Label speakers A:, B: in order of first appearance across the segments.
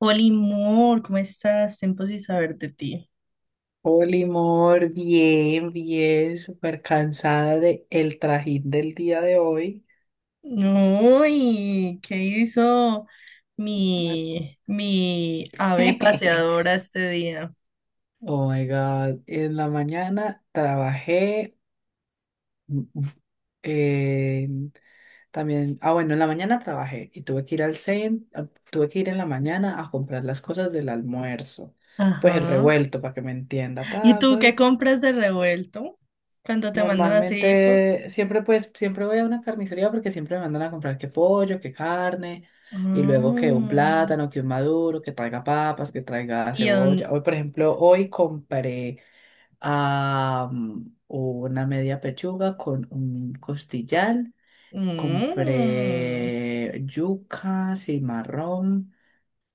A: Oli Moore, ¿cómo estás? Tiempo sin saber de ti.
B: Hola, amor, bien, bien, súper cansada de el trajín del día de hoy.
A: Uy, ¿qué hizo mi ave paseadora este día?
B: Oh my God, en la mañana trabajé mm, mm, en- también, ah bueno, en la mañana trabajé y tuve que ir al centro, tuve que ir en la mañana a comprar las cosas del almuerzo, pues el
A: Ajá.
B: revuelto para que me entienda.
A: ¿Y tú qué compras de revuelto cuando te mandan así? Por...
B: Normalmente, siempre pues, siempre voy a una carnicería porque siempre me mandan a comprar que pollo, que carne, y luego que un
A: Ah,
B: plátano, que un maduro, que traiga papas, que traiga
A: Y
B: cebolla.
A: en-
B: Hoy, por ejemplo, hoy compré una media pechuga con un costillar,
A: mm,
B: compré yuca, cimarrón,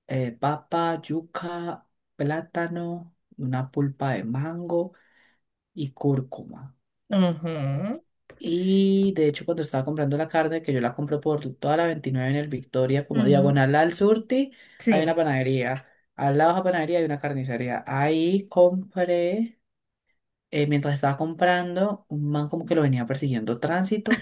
B: papa, yuca, plátano, una pulpa de mango y cúrcuma.
A: Ajá.
B: Y de hecho, cuando estaba comprando la carne, que yo la compro por toda la 29 en el Victoria, como
A: Ujú.
B: diagonal al Surti, hay
A: Sí.
B: una panadería. Al lado de la panadería hay una carnicería. Ahí compré, mientras estaba comprando, un man como que lo venía persiguiendo tránsito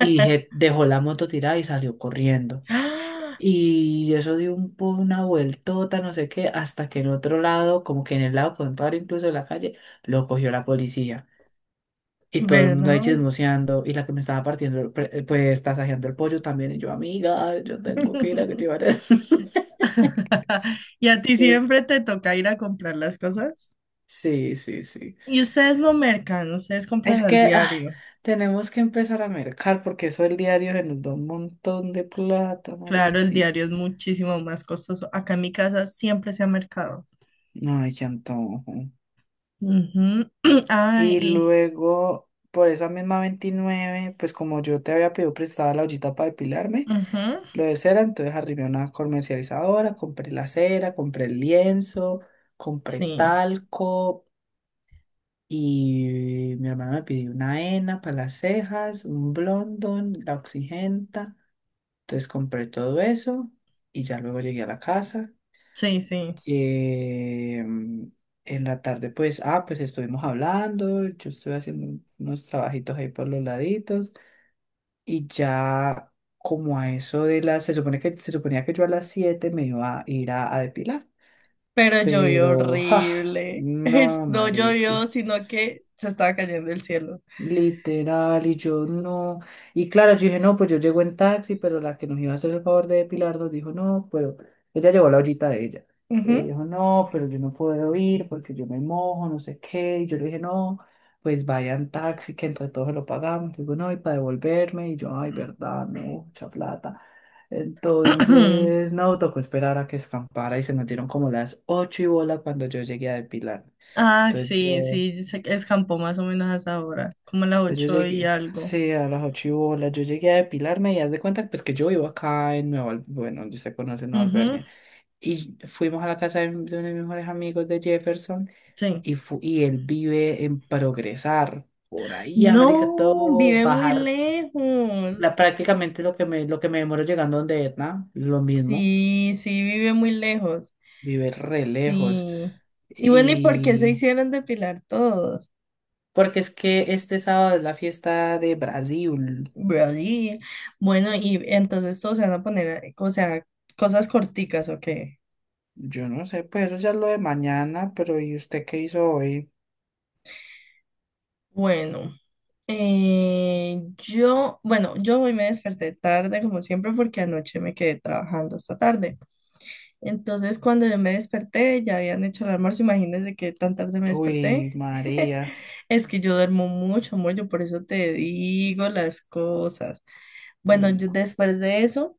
B: y dije, dejó la moto tirada y salió corriendo.
A: Ah,
B: Y eso dio una vueltota, no sé qué, hasta que en otro lado, como que en el lado contrario incluso de la calle, lo cogió la policía. Y todo el mundo ahí
A: ¿Verdad?
B: chismoseando. Y la que me estaba partiendo, el pues tasajeando el pollo también. Y yo, amiga, yo tengo que ir a que llevar el-".
A: ¿Y a ti
B: Entonces,
A: siempre te toca ir a comprar las cosas?
B: sí, sí, sí.
A: Y ustedes no mercan, ustedes compran
B: Es
A: al
B: que ah,
A: diario.
B: tenemos que empezar a mercar porque eso el diario se nos da un montón de plata,
A: Claro, el
B: Marixis.
A: diario es muchísimo más costoso. Acá en mi casa siempre se ha mercado.
B: Ay, qué antojo.
A: Ujú. Ay,
B: Y
A: y-
B: luego, por esa misma 29 pues como yo te había pedido prestada la ollita para depilarme.
A: ujú.
B: Lo de cera, entonces arrimé a una comercializadora, compré la cera, compré el lienzo, compré
A: Sí,
B: talco y mi hermano me pidió una henna para las cejas, un blondón, la oxigenta. Entonces compré todo eso y ya luego llegué a la casa.
A: sí, sí.
B: Eh, en la tarde, pues, ah, pues estuvimos hablando, yo estuve haciendo unos trabajitos ahí por los laditos. Y ya como a eso de las, se supone que se suponía que yo a las 7 me iba a ir a depilar,
A: Pero llovió
B: pero ja,
A: horrible. Es-
B: no,
A: no
B: Marix,
A: llovió, sino que se estaba cayendo el cielo.
B: literal, y yo no. Y claro, yo dije, no, pues yo llego en taxi, pero la que nos iba a hacer el favor de depilar nos dijo, no, pero ella llevó la ollita de ella. Ella
A: Ujú.
B: dijo, no, pero yo no puedo ir porque yo me mojo, no sé qué. Y yo le dije, no, pues vayan taxi, que entre todos se lo pagamos. Y digo, no, y para devolverme. Y yo, ay, verdad, no, mucha plata. Entonces, no, tocó esperar a que escampara y se metieron como las ocho y bola cuando yo llegué a depilar.
A: Ah,
B: Entonces
A: sí,
B: yo.
A: sí, se escampó más o menos a esa hora, como a las
B: Pues yo
A: ocho y
B: llegué,
A: algo.
B: sí, a las ocho y bola, yo llegué a depilarme y haz de cuenta pues que yo vivo acá en Nueva, bueno, usted conoce Nueva
A: Ujú,
B: Albernia, y fuimos a la casa de uno de mis mejores amigos de Jefferson
A: sí.
B: y él vive en progresar, por ahí, América,
A: No,
B: todo,
A: vive muy
B: bajar
A: lejos.
B: la, prácticamente lo que me demoro llegando donde Etna, lo mismo,
A: Sí, sí, vive muy lejos.
B: vive re lejos
A: Sí. Y bueno, ¿y por qué se
B: y...
A: hicieron depilar todos?
B: Porque es que este sábado es la fiesta de Brasil.
A: Brody. Bueno, y entonces todos se van a poner, o sea, cosas corticas, ¿o qué?
B: Yo no sé, pues eso ya es lo de mañana, pero ¿y usted qué hizo hoy?
A: Bueno, yo, bueno, yo hoy me desperté tarde, como siempre, porque anoche me quedé trabajando hasta tarde. Entonces, cuando yo me desperté, ya habían hecho el almuerzo, imagínense que tan tarde me desperté.
B: Uy, María.
A: Es que yo duermo mucho, amor, yo por eso te digo las cosas. Bueno,
B: Mm,
A: yo después de eso,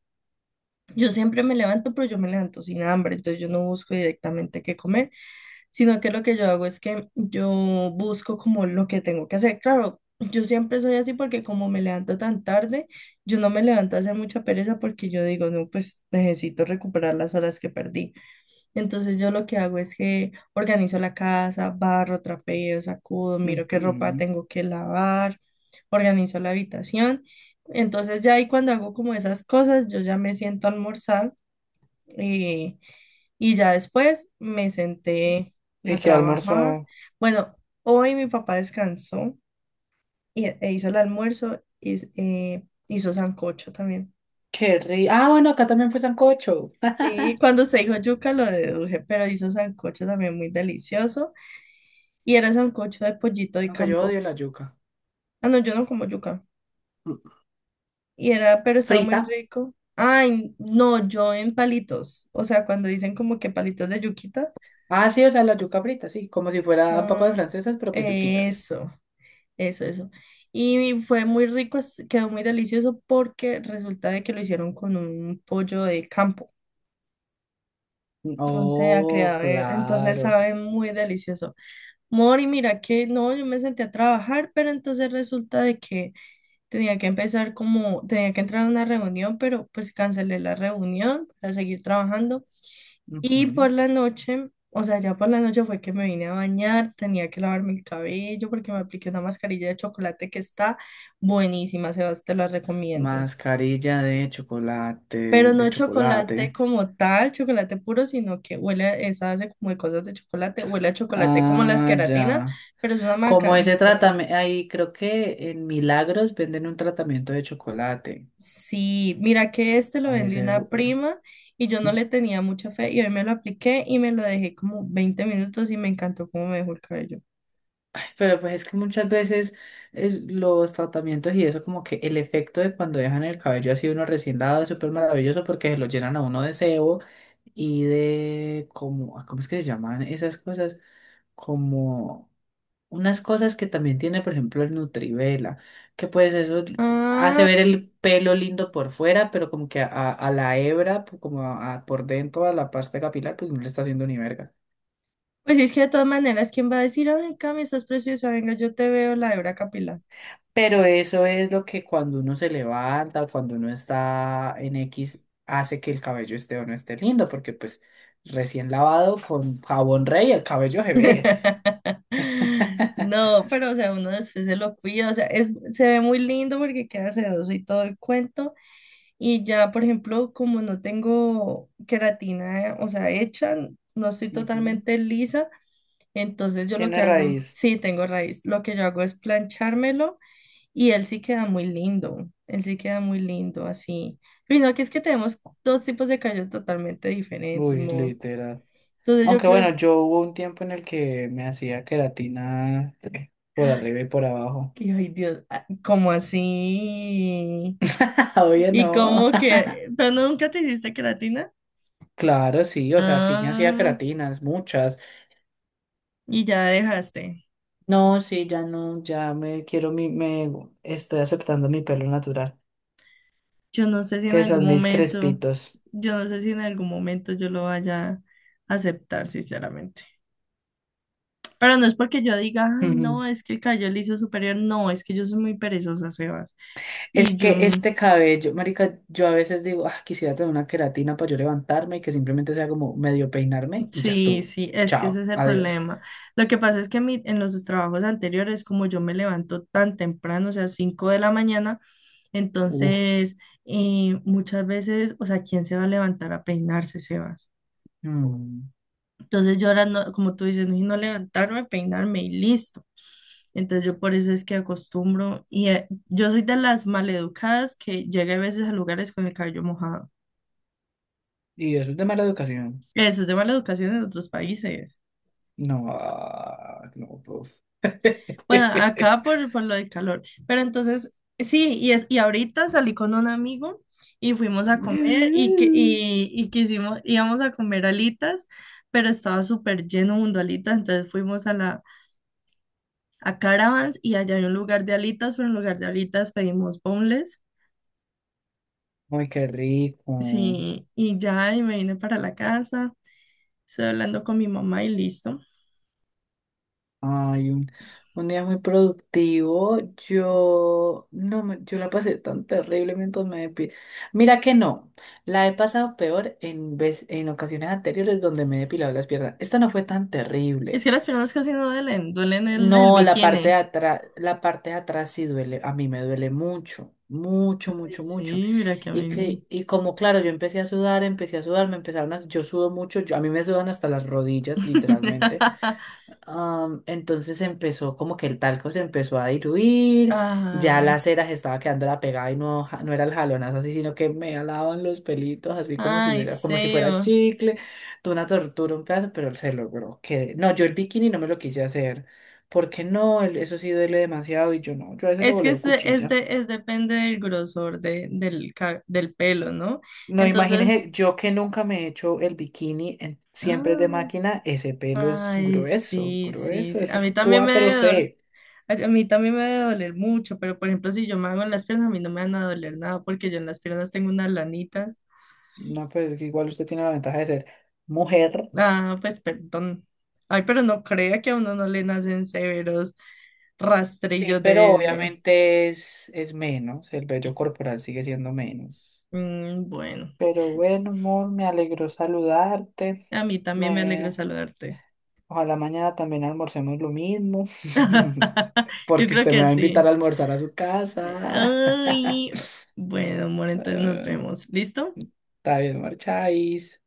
A: yo siempre me levanto, pero yo me levanto sin hambre, entonces yo no busco directamente qué comer, sino que lo que yo hago es que yo busco como lo que tengo que hacer. Claro, yo siempre soy así porque como me levanto tan tarde, yo no me levanto a hacer mucha pereza porque yo digo, no, pues necesito recuperar las horas que perdí. Entonces yo lo que hago es que organizo la casa, barro, trapeo, sacudo, miro qué ropa
B: ujú.
A: tengo que lavar, organizo la habitación. Entonces ya ahí cuando hago como esas cosas, yo ya me siento a almorzar eh, y ya después me senté
B: ¿Y
A: a
B: qué
A: trabajar.
B: almorzó?
A: Bueno, hoy mi papá descansó y, e hizo el almuerzo y hizo sancocho también.
B: Qué rico. Ah, bueno, acá también fue sancocho.
A: Sí, cuando se dijo yuca lo deduje, pero hizo sancocho también muy delicioso. Y era sancocho de pollito de
B: Aunque yo
A: campo.
B: odio la yuca.
A: Ah, no, yo no como yuca.
B: Mm.
A: Y era, pero estaba muy
B: Frita.
A: rico. Ay, no, yo en palitos. O sea, cuando dicen como que palitos de yuquita.
B: Ah, sí, o sea, la yuca frita, sí. Como si fuera papas
A: Ah,
B: francesas, pero pues yuquitas.
A: eso, eso, eso. Y fue muy rico, es- quedó muy delicioso porque resulta de que lo hicieron con un pollo de campo.
B: Mm,
A: O sea,
B: oh,
A: creado, entonces
B: claro.
A: sabe muy delicioso. Mori, mira que no, yo me senté a trabajar, pero entonces resulta de que tenía que empezar como, tenía que entrar a una reunión, pero pues cancelé la reunión para seguir trabajando. Y
B: Ujú.
A: por la noche, o sea, ya por la noche fue que me vine a bañar, tenía que lavarme el cabello porque me apliqué una mascarilla de chocolate que está buenísima, Sebas, te la recomiendo.
B: Mascarilla de
A: Pero
B: chocolate,
A: no
B: de
A: chocolate
B: chocolate.
A: como tal, chocolate puro, sino que huele, a- esa hace como de cosas de chocolate, huele a chocolate como las
B: Ah,
A: queratinas,
B: ya.
A: pero es una
B: Como
A: maca-
B: ese
A: mascarilla.
B: tratamiento, ahí creo que en Milagros venden un tratamiento de chocolate.
A: Sí, mira que este lo
B: Ay,
A: vendí
B: ese,
A: una prima y yo no le tenía mucha fe y hoy me lo apliqué y me lo dejé como 20 minutos y me encantó cómo me dejó el cabello.
B: ay, pero pues es que muchas veces es los tratamientos y eso como que el efecto de cuando dejan el cabello así uno recién lavado es súper maravilloso porque se lo llenan a uno de sebo y de como, ah, ¿cómo es que se llaman esas cosas? Como unas cosas que también tiene, por ejemplo, el Nutrivela, que pues eso hace
A: Ah,
B: ver el pelo lindo por fuera, pero como que a la hebra, pues, como a por dentro, a la pasta capilar, pues no le está haciendo ni verga.
A: pues es que de todas maneras, ¿quién va a decir, ay, Cami, estás preciosa, venga, yo te veo la hebra capilar?
B: Pero eso es lo que cuando uno se levanta o cuando uno está en X hace que el cabello esté o no esté lindo, porque pues recién lavado con jabón rey el cabello se ve.
A: No, pero o sea, uno después se lo cuida, o sea, es, se ve muy lindo porque queda sedoso y todo el cuento. Y ya, por ejemplo, como no tengo queratina, o sea, hecha, no estoy
B: Ujú.
A: totalmente lisa, entonces yo lo que
B: Tiene
A: hago,
B: raíz.
A: sí, tengo raíz. Lo que yo hago es planchármelo y él sí queda muy lindo. Él sí queda muy lindo así. Y no, que es que tenemos dos tipos de cabello totalmente diferentes,
B: Uy,
A: amor.
B: literal.
A: Entonces yo
B: Aunque
A: creo,
B: bueno, yo hubo un tiempo en el que me hacía queratina por
A: ay,
B: arriba y por abajo.
A: que- ay, Dios, ah, ¿cómo así?
B: Obvio
A: Y
B: no.
A: como que, pero no, nunca te hiciste queratina.
B: Claro, sí, o sea, sí me hacía
A: Ah,
B: queratinas, muchas.
A: y ya dejaste.
B: No, sí, ya no, ya me estoy aceptando mi pelo natural,
A: Yo no sé si en
B: que
A: algún
B: son mis
A: momento,
B: crespitos.
A: yo no sé si en algún momento yo lo vaya a aceptar, sinceramente. Pero no es porque yo diga, ay,
B: Ujú.
A: no, es que el Cayol hizo superior. No, es que yo soy muy perezosa, Sebas. Y
B: Es
A: yo,
B: que
A: mm,
B: este cabello, marica, yo a veces digo, ah, quisiera tener una queratina para yo levantarme y que simplemente sea como medio peinarme y ya
A: sí,
B: estuvo.
A: sí, es que ese
B: Chao,
A: es el
B: adiós.
A: problema. Lo que pasa es que mi- en los trabajos anteriores, como yo me levanto tan temprano, o sea, 5 de la mañana,
B: Uh,
A: entonces muchas veces, o sea, ¿quién se va a levantar a peinarse, Sebas?
B: mm.
A: Entonces yo ahora, no, como tú dices, no levantarme, peinarme y listo. Entonces yo por eso es que acostumbro y yo soy de las maleducadas que llega a veces a lugares con el cabello mojado.
B: Y eso es de mala educación.
A: Eso es de mala educación en otros países.
B: No, ah, no, prof.
A: Bueno, acá por lo del calor. Pero entonces, sí, y, es, y ahorita salí con un amigo y fuimos a comer y, que,
B: No.
A: y quisimos, íbamos a comer alitas, pero estaba súper lleno de alitas, entonces fuimos a la a Caravans y allá hay un lugar de alitas, pero en lugar de alitas pedimos boneless.
B: Ay, qué rico.
A: Sí, y ya, y me vine para la casa, estoy hablando con mi mamá y listo.
B: Ay, un día muy productivo. Yo no me- yo la pasé tan terrible mientras me depilé. Mira que no. La he pasado peor en ocasiones anteriores donde me he depilado las piernas. Esta no fue tan
A: Es
B: terrible.
A: que las piernas casi no duelen, duelen el
B: No, la parte de
A: bikini.
B: atrás, la parte de atrás sí duele, a mí me duele mucho, mucho,
A: Ay,
B: mucho, mucho.
A: sí, mira que a
B: Y
A: mí no.
B: que, y como claro, yo empecé a sudar, me empezaron yo sudo mucho, a mí me sudan hasta las rodillas, literalmente. Entonces empezó como que el talco se empezó a diluir, ya la
A: Ay,
B: cera se estaba quedando la pegada y no, no era el jalonazo así, sino que me alaban los pelitos así como si
A: ay,
B: hubiera, como si fuera
A: Seo.
B: chicle. Fue una tortura, un pedazo, pero se logró. Que, no, yo el bikini no me lo quise hacer, porque no, el- eso sí duele demasiado y yo no, yo a veces lo
A: Es que
B: voleo
A: es, de- es,
B: cuchilla.
A: de- es depende del grosor de, del, ca- del pelo, ¿no?
B: No,
A: Entonces,
B: imagínese, yo que nunca me he hecho el bikini, siempre es de
A: ah,
B: máquina, ese pelo es
A: ay,
B: grueso,
A: sí, sí,
B: grueso,
A: sí.
B: eso
A: A
B: es
A: mí también me
B: cuatro
A: debe doler.
B: c
A: A mí también me debe doler mucho, pero por ejemplo, si yo me hago en las piernas, a mí no me van a doler nada porque yo en las piernas tengo unas lanitas.
B: No, pero que igual usted tiene la ventaja de ser mujer.
A: Ah, pues perdón. Ay, pero no crea que a uno no le nacen severos
B: Sí,
A: rastrillos
B: pero
A: de-
B: obviamente es menos, el vello corporal sigue siendo menos.
A: Mm, bueno,
B: Pero bueno, amor, me alegró saludarte.
A: a mí también me alegro
B: Me...
A: saludarte.
B: Ojalá mañana también almorcemos lo mismo.
A: Yo
B: Porque
A: creo
B: usted me
A: que
B: va a invitar a
A: sí.
B: almorzar a su casa.
A: Ay, bueno, amor, entonces nos
B: Ah,
A: vemos. ¿Listo?
B: está bien, marcháis.